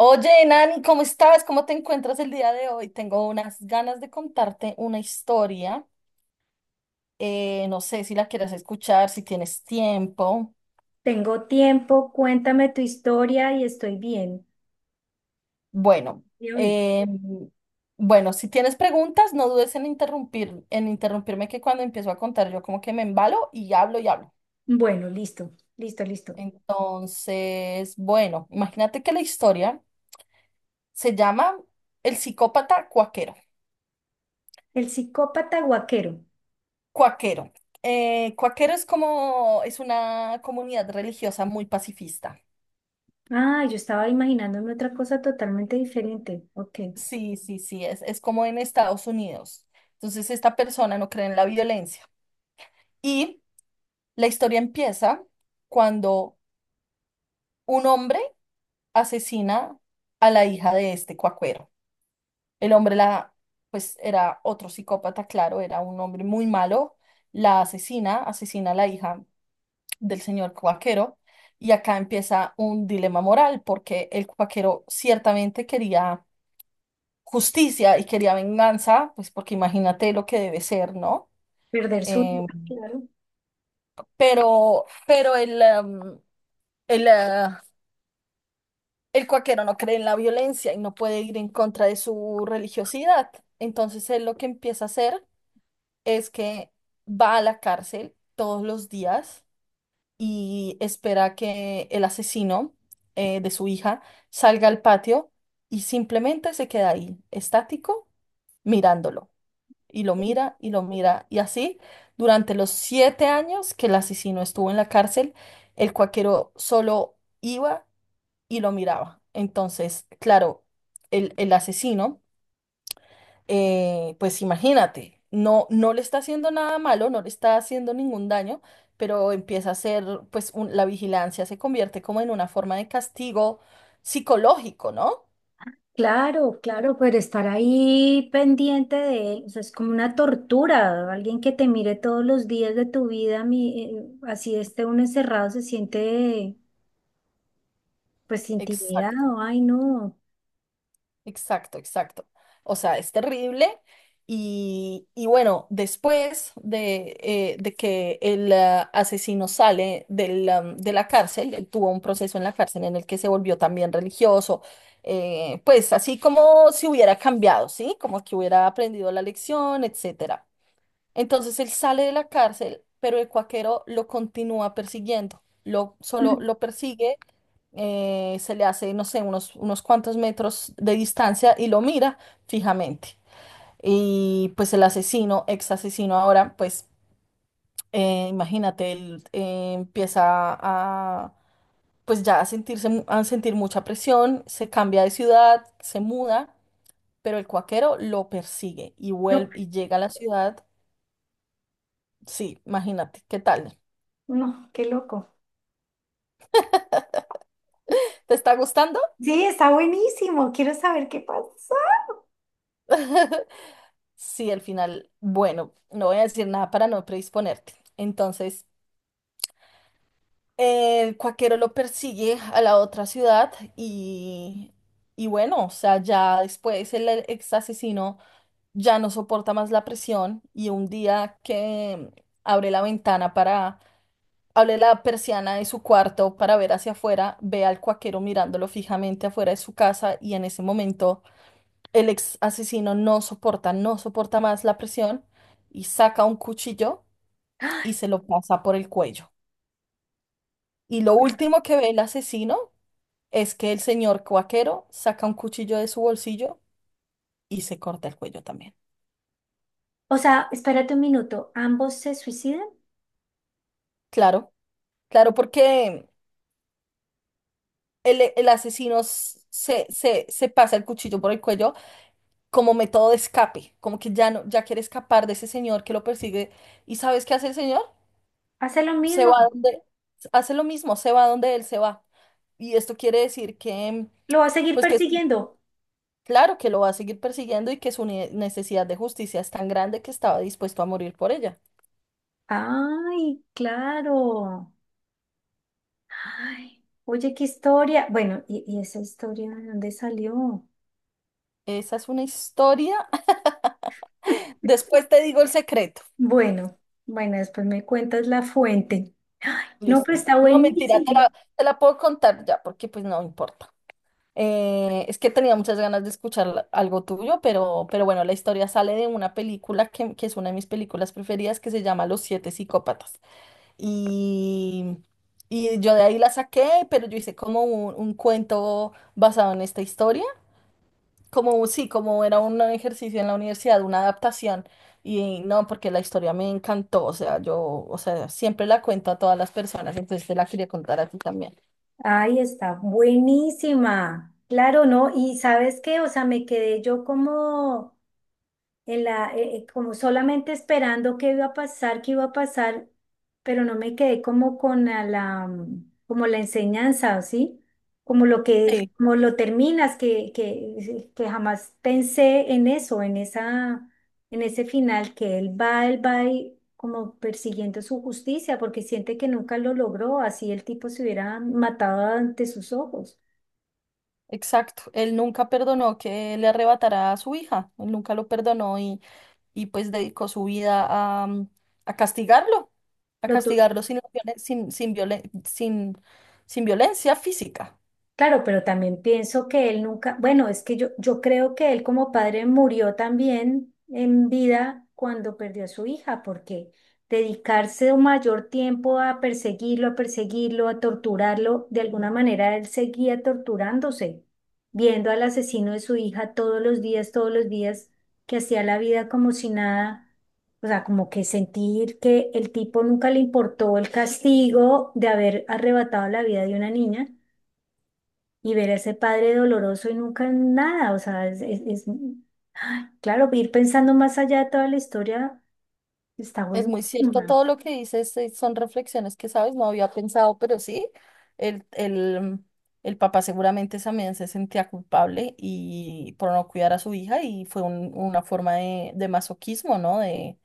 Oye, Nani, ¿cómo estás? ¿Cómo te encuentras el día de hoy? Tengo unas ganas de contarte una historia. No sé si la quieras escuchar, si tienes tiempo. Tengo tiempo, cuéntame tu historia y estoy bien. Bueno, Y hoy, eh, bueno, si tienes preguntas, no dudes en interrumpir, en interrumpirme que cuando empiezo a contar yo como que me embalo y hablo y hablo. bueno, listo, listo, listo. Entonces, bueno, imagínate que la historia se llama El psicópata cuaquero. El psicópata guaquero. Cuaquero. Cuaquero es como, es una comunidad religiosa muy pacifista. Ah, yo estaba imaginándome otra cosa totalmente diferente. Ok. Sí, sí, sí, es como en Estados Unidos. Entonces, esta persona no cree en la violencia. Y la historia empieza cuando un hombre asesina a la hija de este cuaquero. El hombre la, pues era otro psicópata, claro, era un hombre muy malo, la asesina, asesina a la hija del señor Cuaquero. Y acá empieza un dilema moral, porque el Cuaquero ciertamente quería justicia y quería venganza, pues porque imagínate lo que debe ser, ¿no? Perder su vida, Eh, claro. pero, el, eh, el Cuaquero no cree en la violencia y no puede ir en contra de su religiosidad. Entonces él lo que empieza a hacer es que va a la cárcel todos los días y espera que el asesino de su hija salga al patio y simplemente se queda ahí, estático, mirándolo. Y lo mira y lo mira. Y así, durante los 7 años que el asesino estuvo en la cárcel, el cuaquero solo iba y lo miraba. Entonces, claro, el asesino pues imagínate, no, no le está haciendo nada malo, no le está haciendo ningún daño, pero empieza a ser, pues la vigilancia se convierte como en una forma de castigo psicológico, ¿no? Claro, claro, pero estar ahí pendiente de él, o sea, es como una tortura. Alguien que te mire todos los días de tu vida, así esté uno encerrado, se siente pues Exacto. intimidado. Ay, no. Exacto, exacto. O sea, es terrible. Y bueno, después de que el asesino sale del, de la cárcel, él tuvo un proceso en la cárcel en el que se volvió también religioso, pues así como si hubiera cambiado, ¿sí? Como que hubiera aprendido la lección, etcétera. Entonces él sale de la cárcel, pero el cuaquero lo continúa persiguiendo, lo, solo Mm. lo persigue se le hace, no sé, unos, unos cuantos metros de distancia y lo mira fijamente. Y pues el asesino, ex asesino ahora, pues imagínate, él empieza a, pues ya a sentirse, a sentir mucha presión, se cambia de ciudad, se muda, pero el cuaquero lo persigue y No, vuelve y llega a la ciudad. Sí, imagínate, ¿qué tal? no, qué loco. ¿Te está gustando? Sí, está buenísimo. Quiero saber qué pasa. Sí, al final, bueno, no voy a decir nada para no predisponerte. Entonces, el cuaquero lo persigue a la otra ciudad y bueno, o sea, ya después el ex asesino ya no soporta más la presión y un día que abre la ventana para, abre la persiana de su cuarto para ver hacia afuera, ve al cuaquero mirándolo fijamente afuera de su casa y en ese momento el ex asesino no soporta, no soporta más la presión y saca un cuchillo y se lo pasa por el cuello. Y lo último que ve el asesino es que el señor cuaquero saca un cuchillo de su bolsillo y se corta el cuello también. O sea, espérate un minuto, ¿ambos se suicidan? Claro, claro, porque el asesino se pasa el cuchillo por el cuello como método de escape, como que ya no, ya quiere escapar de ese señor que lo persigue. ¿Y sabes qué hace el señor? Hace lo Se mismo, va donde, hace lo mismo, se va donde él se va. Y esto quiere decir que, lo va a seguir pues que es persiguiendo. claro que lo va a seguir persiguiendo y que su necesidad de justicia es tan grande que estaba dispuesto a morir por ella. Ay, claro. Ay, oye, qué historia. Bueno, y esa historia de dónde salió? Esa es una historia. Después te digo el secreto. Bueno, bueno, después me cuentas la fuente. Ay, no, pero Listo. está No, mentira, buenísimo. Te la puedo contar ya, porque pues no importa. Es que tenía muchas ganas de escuchar algo tuyo, pero bueno, la historia sale de una película que es una de mis películas preferidas que se llama Los Siete Psicópatas. Y, y yo de ahí la saqué, pero yo hice como un cuento basado en esta historia. Como, sí, como era un ejercicio en la universidad, una adaptación, y no, porque la historia me encantó, o sea, yo, o sea, siempre la cuento a todas las personas, entonces te la quería contar a ti también. Ay, está buenísima. Claro, ¿no? Y sabes qué, o sea, me quedé yo como en la, como solamente esperando qué iba a pasar, qué iba a pasar, pero no me quedé como con a la, como la enseñanza, ¿sí? Como lo que, Sí. como lo terminas, que jamás pensé en eso, en esa, en ese final, que él va y como persiguiendo su justicia, porque siente que nunca lo logró, así el tipo se hubiera matado ante sus ojos. Exacto, él nunca perdonó que le arrebatara a su hija, él nunca lo perdonó y pues dedicó su vida a, a castigarlo, a Lo castigarlo sin, la violen- sin, sin violencia física. claro, pero también pienso que él nunca, bueno, es que yo creo que él como padre murió también en vida cuando perdió a su hija, porque dedicarse un mayor tiempo a perseguirlo, a perseguirlo, a torturarlo, de alguna manera él seguía torturándose, viendo al asesino de su hija todos los días, que hacía la vida como si nada, o sea, como que sentir que el tipo nunca le importó el castigo de haber arrebatado la vida de una niña y ver a ese padre doloroso y nunca nada, o sea, claro, ir pensando más allá de toda la historia está Es muy cierto buenísima. todo lo que dices, son reflexiones que, sabes, no había pensado, pero sí, el, el, el papá seguramente también se sentía culpable y por no cuidar a su hija y fue una forma de masoquismo, ¿no? De,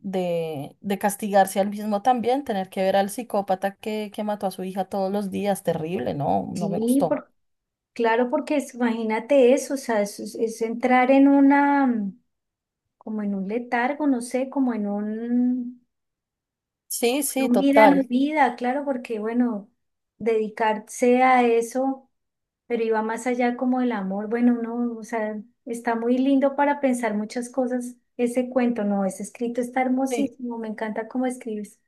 de castigarse al mismo también, tener que ver al psicópata que mató a su hija todos los días, terrible, ¿no? No me Sí, gustó. por- claro, porque imagínate eso, o sea, es entrar en una, como en un letargo, no sé, como en Sí, sí, un vida no total. vida, claro, porque bueno, dedicarse a eso. Pero iba más allá como el amor. Bueno, no, o sea, está muy lindo para pensar muchas cosas ese cuento, no, ese escrito está Sí. hermosísimo, me encanta cómo escribes.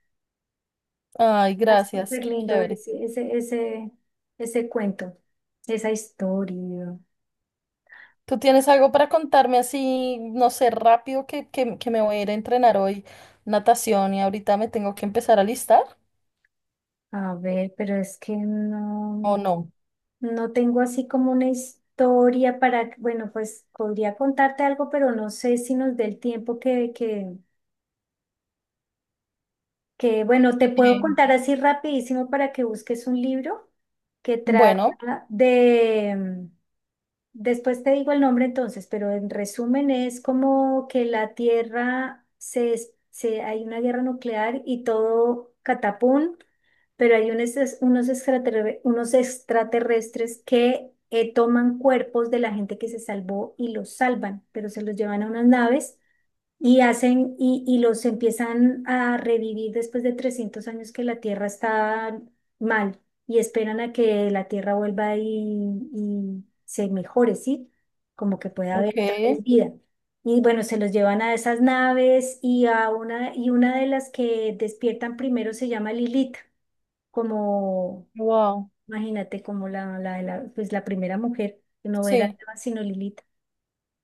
Ay, Está gracias, súper qué lindo chévere. ese cuento, esa historia. ¿Tú tienes algo para contarme así, no sé, rápido que, que me voy a ir a entrenar hoy natación y ahorita me tengo que empezar a listar? A ver, pero es que ¿O no, no? no tengo así como una historia para, bueno, pues podría contarte algo, pero no sé si nos dé el tiempo que bueno, te puedo Sí. contar así rapidísimo para que busques un libro que Bueno, trata de, después te digo el nombre entonces, pero en resumen es como que la Tierra se hay una guerra nuclear y todo catapum, pero hay unos, unos extraterrestres que toman cuerpos de la gente que se salvó y los salvan, pero se los llevan a unas naves. Y hacen, y los empiezan a revivir después de 300 años que la Tierra está mal y esperan a que la Tierra vuelva y se mejore, ¿sí? Como que pueda haber ok. otra vez vida. Y bueno, se los llevan a esas naves y a una, y una de las que despiertan primero se llama Lilith, como, Wow. imagínate, como pues la primera mujer, no era Sí, Eva, sino Lilith.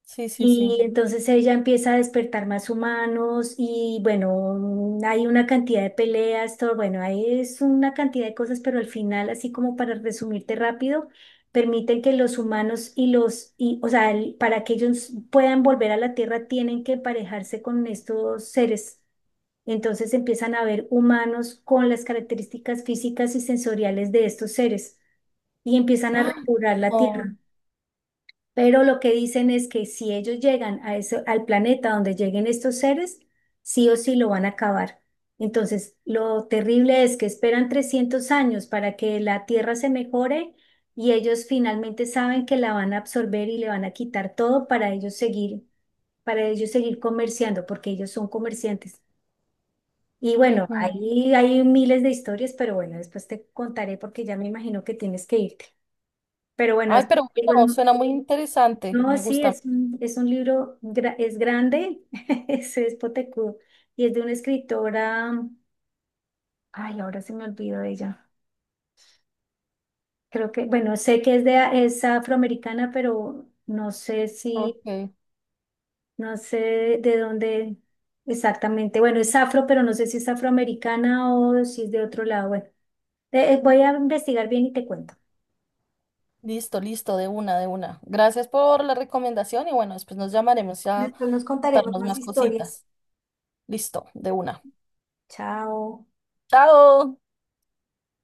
sí, sí, Y sí. entonces ella empieza a despertar más humanos y bueno, hay una cantidad de peleas, todo, bueno, ahí es una cantidad de cosas, pero al final, así como para resumirte rápido, permiten que los humanos y los, y, o sea, para que ellos puedan volver a la Tierra tienen que emparejarse con estos seres. Entonces empiezan a ver humanos con las características físicas y sensoriales de estos seres y empiezan a ¡Ah! repoblar la Oh, Tierra. Pero lo que dicen es que si ellos llegan a ese, al planeta donde lleguen estos seres, sí o sí lo van a acabar. Entonces, lo terrible es que esperan 300 años para que la Tierra se mejore y ellos finalmente saben que la van a absorber y le van a quitar todo para ellos seguir comerciando, porque ellos son comerciantes. Y bueno, ujú. ahí hay miles de historias, pero bueno, después te contaré porque ya me imagino que tienes que irte. Pero bueno, Ay, después pero te digo el bueno, nombre. suena muy interesante. No, Me sí, gusta. Es un libro, es grande, es potecudo y es de una escritora, ay, ahora se me olvidó de ella. Creo que, bueno, sé que es de, es afroamericana, pero no sé si, Ok. no sé de dónde exactamente. Bueno, es afro, pero no sé si es afroamericana o si es de otro lado. Bueno, voy a investigar bien y te cuento. Listo, listo, de una, de una. Gracias por la recomendación y bueno, después nos llamaremos ya a Después nos contaremos contarnos más más historias. cositas. Listo, de una. Chao. Chao.